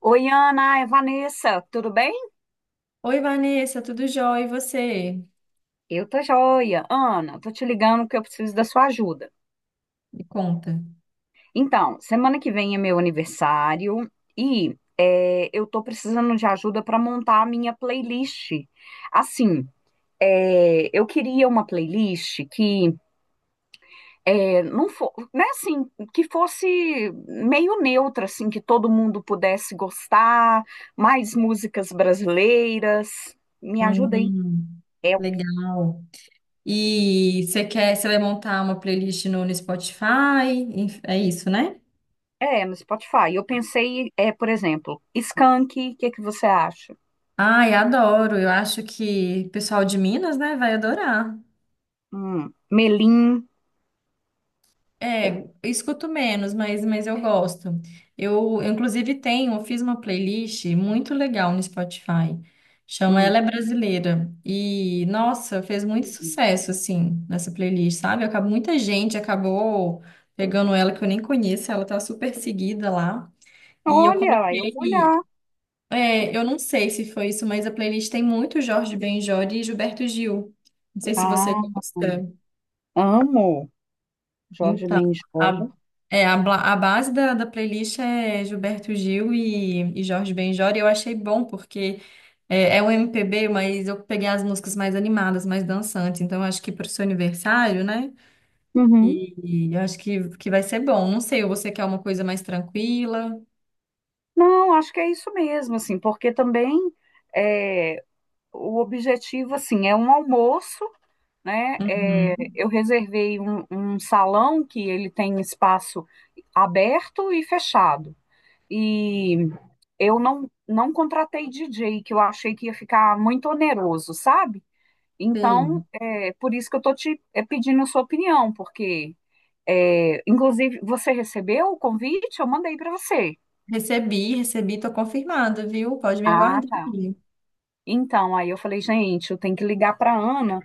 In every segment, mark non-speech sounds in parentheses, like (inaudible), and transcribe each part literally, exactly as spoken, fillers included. Oi, Ana, é Vanessa, tudo bem? Oi, Vanessa, tudo jóia? E você? Eu tô joia. Ana, tô te ligando porque eu preciso da sua ajuda. Me conta. Então, semana que vem é meu aniversário e é, eu tô precisando de ajuda para montar a minha playlist. Assim, é, eu queria uma playlist que é, não for, né, assim, que fosse meio neutra, assim, que todo mundo pudesse gostar, mais músicas brasileiras. Me ajuda aí. Hum, É, legal. E você quer, você vai montar uma playlist no, no Spotify? Enf- É isso, né? é, no Spotify. Eu pensei, é, por exemplo, Skank, o que é que você acha? Ai, adoro. Eu acho que o pessoal de Minas, né, vai adorar. Hum, Melim. É, eu escuto menos, mas, mas eu gosto. Eu, eu, inclusive, tenho, eu fiz uma playlist muito legal no Spotify. Chama Hum. Ela é Brasileira. E, nossa, fez muito Hum. sucesso, assim, nessa playlist, sabe? Acab- Muita gente acabou pegando ela que eu nem conheço, ela tá super seguida lá. E eu Olha, eu vou olhar. coloquei. É, eu não sei se foi isso, mas a playlist tem muito Jorge Ben Jor e Gilberto Gil. Não sei se você Ah, gosta. amo Jorge Então, Benjol. a, é, a, bla- a base da, da playlist é Gilberto Gil e, e Jorge Benjor, e eu achei bom, porque é, é um M P B, mas eu peguei as músicas mais animadas, mais dançantes, então eu acho que para o seu aniversário, né? Uhum. E, e eu acho que, que vai ser bom. Não sei, você quer uma coisa mais tranquila? Não, acho que é isso mesmo, assim, porque também é, o objetivo, assim, é um almoço, né? É, Uhum, eu reservei um, um salão que ele tem espaço aberto e fechado. E eu não, não contratei D J, que eu achei que ia ficar muito oneroso, sabe? sei. Então, é por isso que eu tô te é, pedindo a sua opinião, porque, é, inclusive, você recebeu o convite? Eu mandei para você. Recebi, recebi, tô confirmada, viu? Pode me Ah, aguardar. tá. Então, aí eu falei, gente, eu tenho que ligar para Ana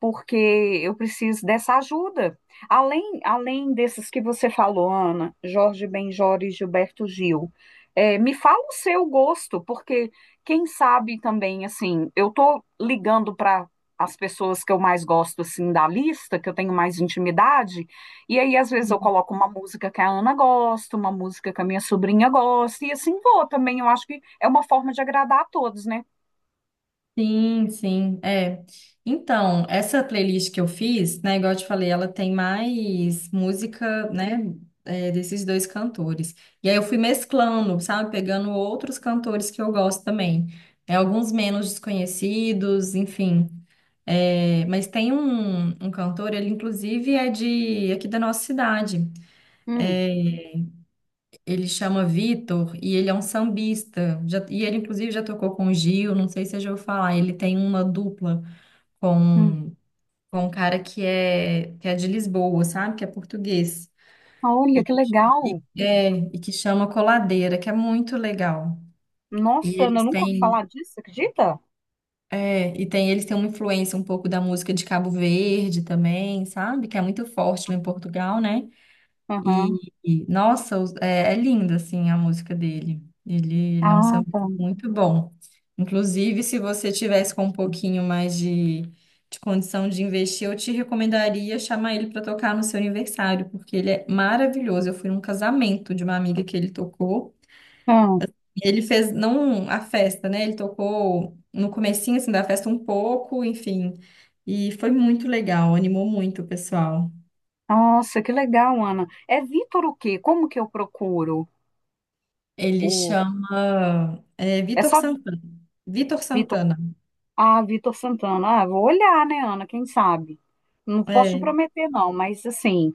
porque eu preciso dessa ajuda. Além, além desses que você falou, Ana, Jorge Benjor e Gilberto Gil, é, me fala o seu gosto, porque quem sabe também, assim, eu tô ligando para as pessoas que eu mais gosto, assim, da lista, que eu tenho mais intimidade, e aí às vezes eu coloco uma música que a Ana gosta, uma música que a minha sobrinha gosta, e assim vou também, eu acho que é uma forma de agradar a todos, né? Sim, sim, é. Então, essa playlist que eu fiz, né, igual eu te falei, ela tem mais música, né, é, desses dois cantores. E aí eu fui mesclando, sabe, pegando outros cantores que eu gosto também. É, alguns menos desconhecidos, enfim. É, mas tem um, um cantor, ele inclusive é de aqui da nossa cidade. Hum. Ele chama Vitor e ele é um sambista. Já- e ele inclusive já tocou com o Gil, não sei se você já ouviu falar. Ele tem uma dupla com Hum. com um cara que é, que é de Lisboa, sabe? Que é português. Olha, E, que e- legal. é, e que chama Coladeira, que é muito legal. E Nossa, Ana, eu eles nunca ouvi têm, falar disso, acredita? é, e tem, eles têm uma influência um pouco da música de Cabo Verde também, sabe? Que é muito forte lá em Portugal, né? Aham. E, e, nossa, os- é, é linda assim a música dele. Ele, ele é um Ah, samba tá. muito bom. Inclusive, se você tivesse com um pouquinho mais de, de condição de investir, eu te recomendaria chamar ele para tocar no seu aniversário, porque ele é maravilhoso. Eu fui num casamento de uma amiga que ele tocou. Ah, E ele fez não a festa, né? Ele tocou no comecinho assim da festa um pouco, enfim. E foi muito legal, animou muito o pessoal. nossa, que legal, Ana. É Vitor o quê? Como que eu procuro? Ele O... chama é, É Vitor só de Santana. Vitor Vitor. Santana. Ah, Vitor Santana. Ah, vou olhar, né, Ana? Quem sabe? Não posso te É. prometer, não, mas assim,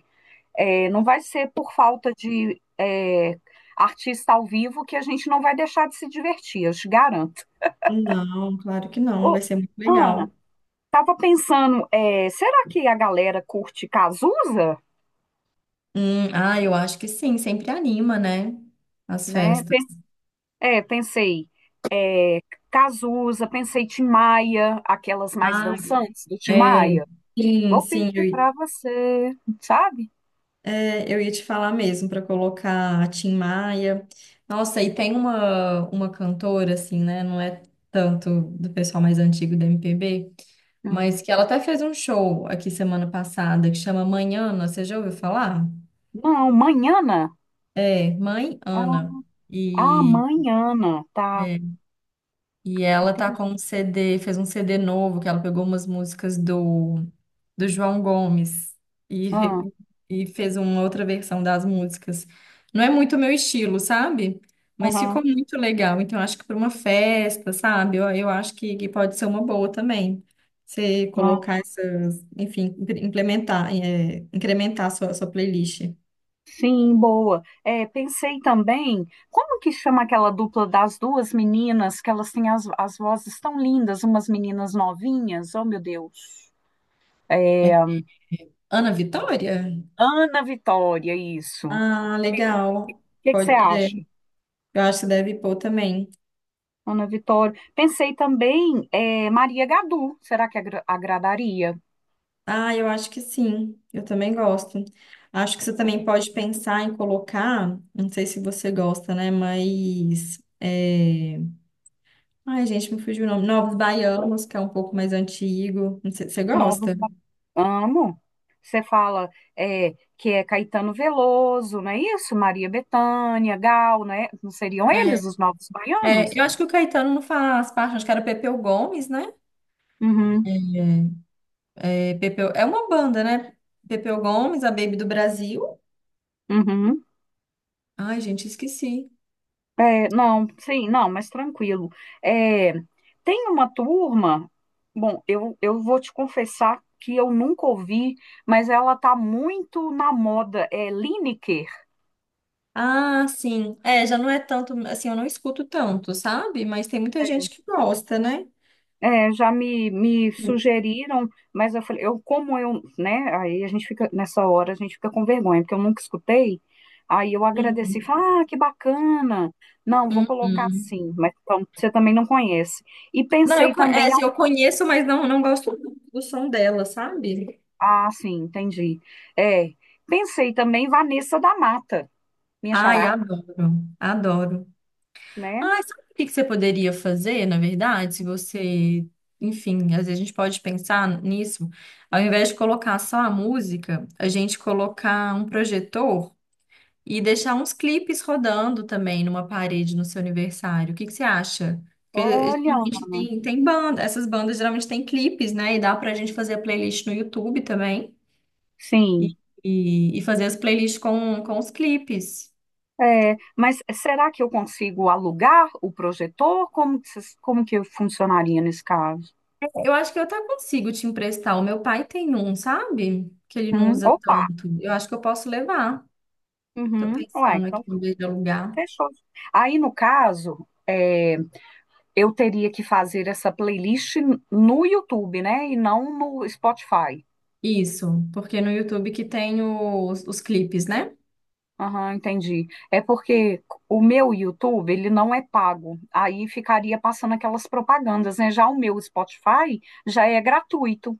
é, não vai ser por falta de é, artista ao vivo que a gente não vai deixar de se divertir, eu te garanto. Não, claro que não. Vai Ô, ser muito legal. Ana, tava pensando, é, será que a galera curte Cazuza? Hum, ah, eu acho que sim. Sempre anima, né? As Né? festas. É, pensei, é, Cazuza, pensei Tim Maia, aquelas mais Ah, dançantes do Tim é. Maia. Sim, Vou sim. Eu, pedir i- pra você, sabe? É, eu ia te falar mesmo para colocar a Tim Maia. Nossa, e tem uma, uma cantora, assim, né? Não é tanto do pessoal mais antigo da M P B, Hum. mas que ela até fez um show aqui semana passada que chama Manhana. Você já ouviu falar? Não, Manhana. É, mãe Ah, Ana. ah, E, Manhana, tá. é, e ela tá Entendi. com um C D, fez um C D novo, que ela pegou umas músicas do, do João Gomes e, Ah, re- e fez uma outra versão das músicas. Não é muito meu estilo, sabe? Mas ficou aham, muito legal. Então, acho que para uma festa, sabe? Eu, eu acho que, que pode ser uma boa também. Você ah, colocar essas, enfim, impre- implementar, é, incrementar a sua, a sua playlist. sim, boa. É, pensei também, como que chama aquela dupla das duas meninas, que elas têm as, as vozes tão lindas, umas meninas novinhas, oh meu Deus. É, Ana Vitória? Ana Vitória, isso. O Ah, legal. que que Pode, você é, acha? eu acho que deve pôr também. Ana Vitória. Pensei também, é, Maria Gadu, será que agra- agradaria? Ah, eu acho que sim. Eu também gosto. Acho que você também pode pensar em colocar, não sei se você gosta, né? Mas é... Ai, gente, me fugiu o nome. Novos Baianos, que é um pouco mais antigo. Não sei, você Novos. gosta? ba- Amo. Você fala é, que é Caetano Veloso, não é isso? Maria Bethânia, Gal, né? Não seriam É, eles os novos é, baianos? eu acho que o Caetano não faz parte, acho que era Pepeu Gomes, né? Uhum, É. É, Pepeu, é uma banda, né? Pepeu Gomes, a Baby do Brasil. uhum. Ai, gente, esqueci. É, não, sim, não, mas tranquilo. É, tem uma turma, bom, eu, eu vou te confessar que eu nunca ouvi, mas ela tá muito na moda, é Lineker. Ah, sim. É, já não é tanto, assim, eu não escuto tanto, sabe? Mas tem muita gente que gosta, né? É, já me, me Sim. sugeriram, mas eu falei, eu como eu, né? Aí a gente fica, nessa hora a gente fica com vergonha, porque eu nunca escutei. Aí eu agradeci, Uhum. falei, ah, que bacana. Não, vou colocar Uhum. assim, mas então, você também não conhece. E Não, eu, pensei co- é, também, assim, ao- eu conheço, mas não, não gosto muito do som dela, sabe? ah, sim, entendi. É, pensei também em Vanessa da Mata, minha Ai, xará, adoro, adoro. né? Ah, sabe o que que você poderia fazer, na verdade, se você, enfim, às vezes a gente pode pensar nisso, ao invés de colocar só a música, a gente colocar um projetor e deixar uns clipes rodando também numa parede no seu aniversário. O que que você acha? Porque Olha, geralmente tem, tem banda, essas bandas geralmente têm clipes, né? E dá pra gente fazer a playlist no YouTube também. E, sim. e, e fazer as playlists com, com os clipes. É, mas será que eu consigo alugar o projetor? Como que, vocês- como que funcionaria nesse caso? Eu acho que eu até consigo te emprestar. O meu pai tem um, sabe? Que ele não Hum, usa opa! tanto. Eu acho que eu posso levar. Tô Uhum. Ué, pensando aqui então em vez de alugar. fechou. Aí, no caso, é, eu teria que fazer essa playlist no YouTube, né? E não no Spotify. Isso, porque no YouTube que tem os, os clipes, né? Aham, entendi. É porque o meu YouTube, ele não é pago. Aí ficaria passando aquelas propagandas, né? Já o meu Spotify já é gratuito.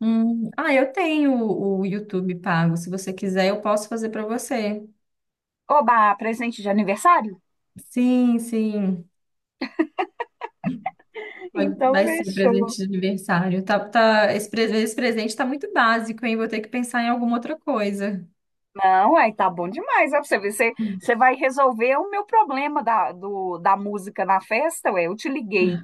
Hum, ah, eu tenho o o YouTube pago. Se você quiser, eu posso fazer para você. Oba, presente de aniversário? Sim, sim. Pode- Então Vai ser fechou. presente de aniversário. Tá, tá, esse, pre- esse presente tá muito básico, hein? Vou ter que pensar em alguma outra coisa. Não, aí tá bom demais. Ó, pra você ver, você, você vai resolver o meu problema da, do, da música na festa, ué. Eu te liguei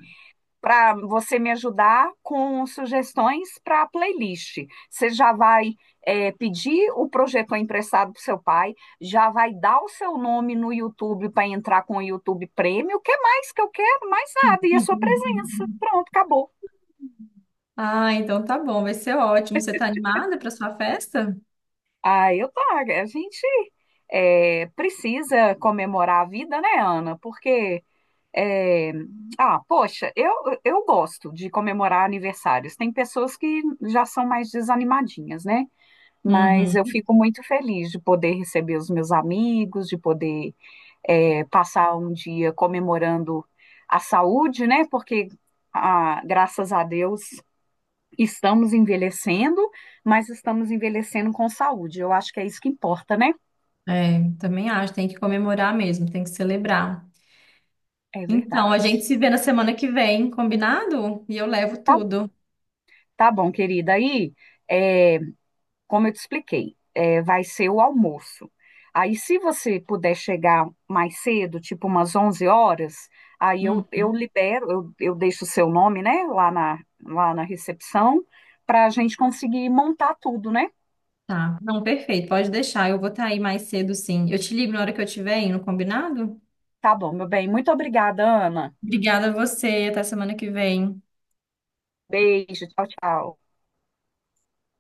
para você me ajudar com sugestões para playlist. Você já vai é, pedir o projetor emprestado pro seu pai, já vai dar o seu nome no YouTube para entrar com o YouTube Premium. O que é mais que eu quero? Mais nada. E a sua presença. (laughs) Pronto, acabou. Ah, então tá bom, vai ser ótimo. Você tá animada para sua festa? Ah, eu tá. A gente é, precisa comemorar a vida, né, Ana? Porque. É, ah, poxa, eu, eu gosto de comemorar aniversários. Tem pessoas que já são mais desanimadinhas, né? Mas eu Uhum. fico muito feliz de poder receber os meus amigos, de poder é, passar um dia comemorando a saúde, né? Porque, ah, graças a Deus, estamos envelhecendo, mas estamos envelhecendo com saúde. Eu acho que é isso que importa, né? É, também acho, tem que comemorar mesmo, tem que celebrar. É Então, a gente verdade. se vê na semana que vem, combinado? E eu levo Tá, tudo. tá bom, querida. Aí. é, como eu te expliquei, é, vai ser o almoço. Aí, se você puder chegar mais cedo, tipo umas onze horas, aí Uhum. eu, eu libero, eu, eu deixo o seu nome, né, lá na, lá na recepção, para a gente conseguir montar tudo, né? Tá. Não, perfeito. Pode deixar. Eu vou estar aí mais cedo, sim. Eu te ligo na hora que eu estiver indo, combinado? Tá bom, meu bem. Muito obrigada, Ana. Obrigada a você. Até semana que vem. Beijo, tchau, tchau.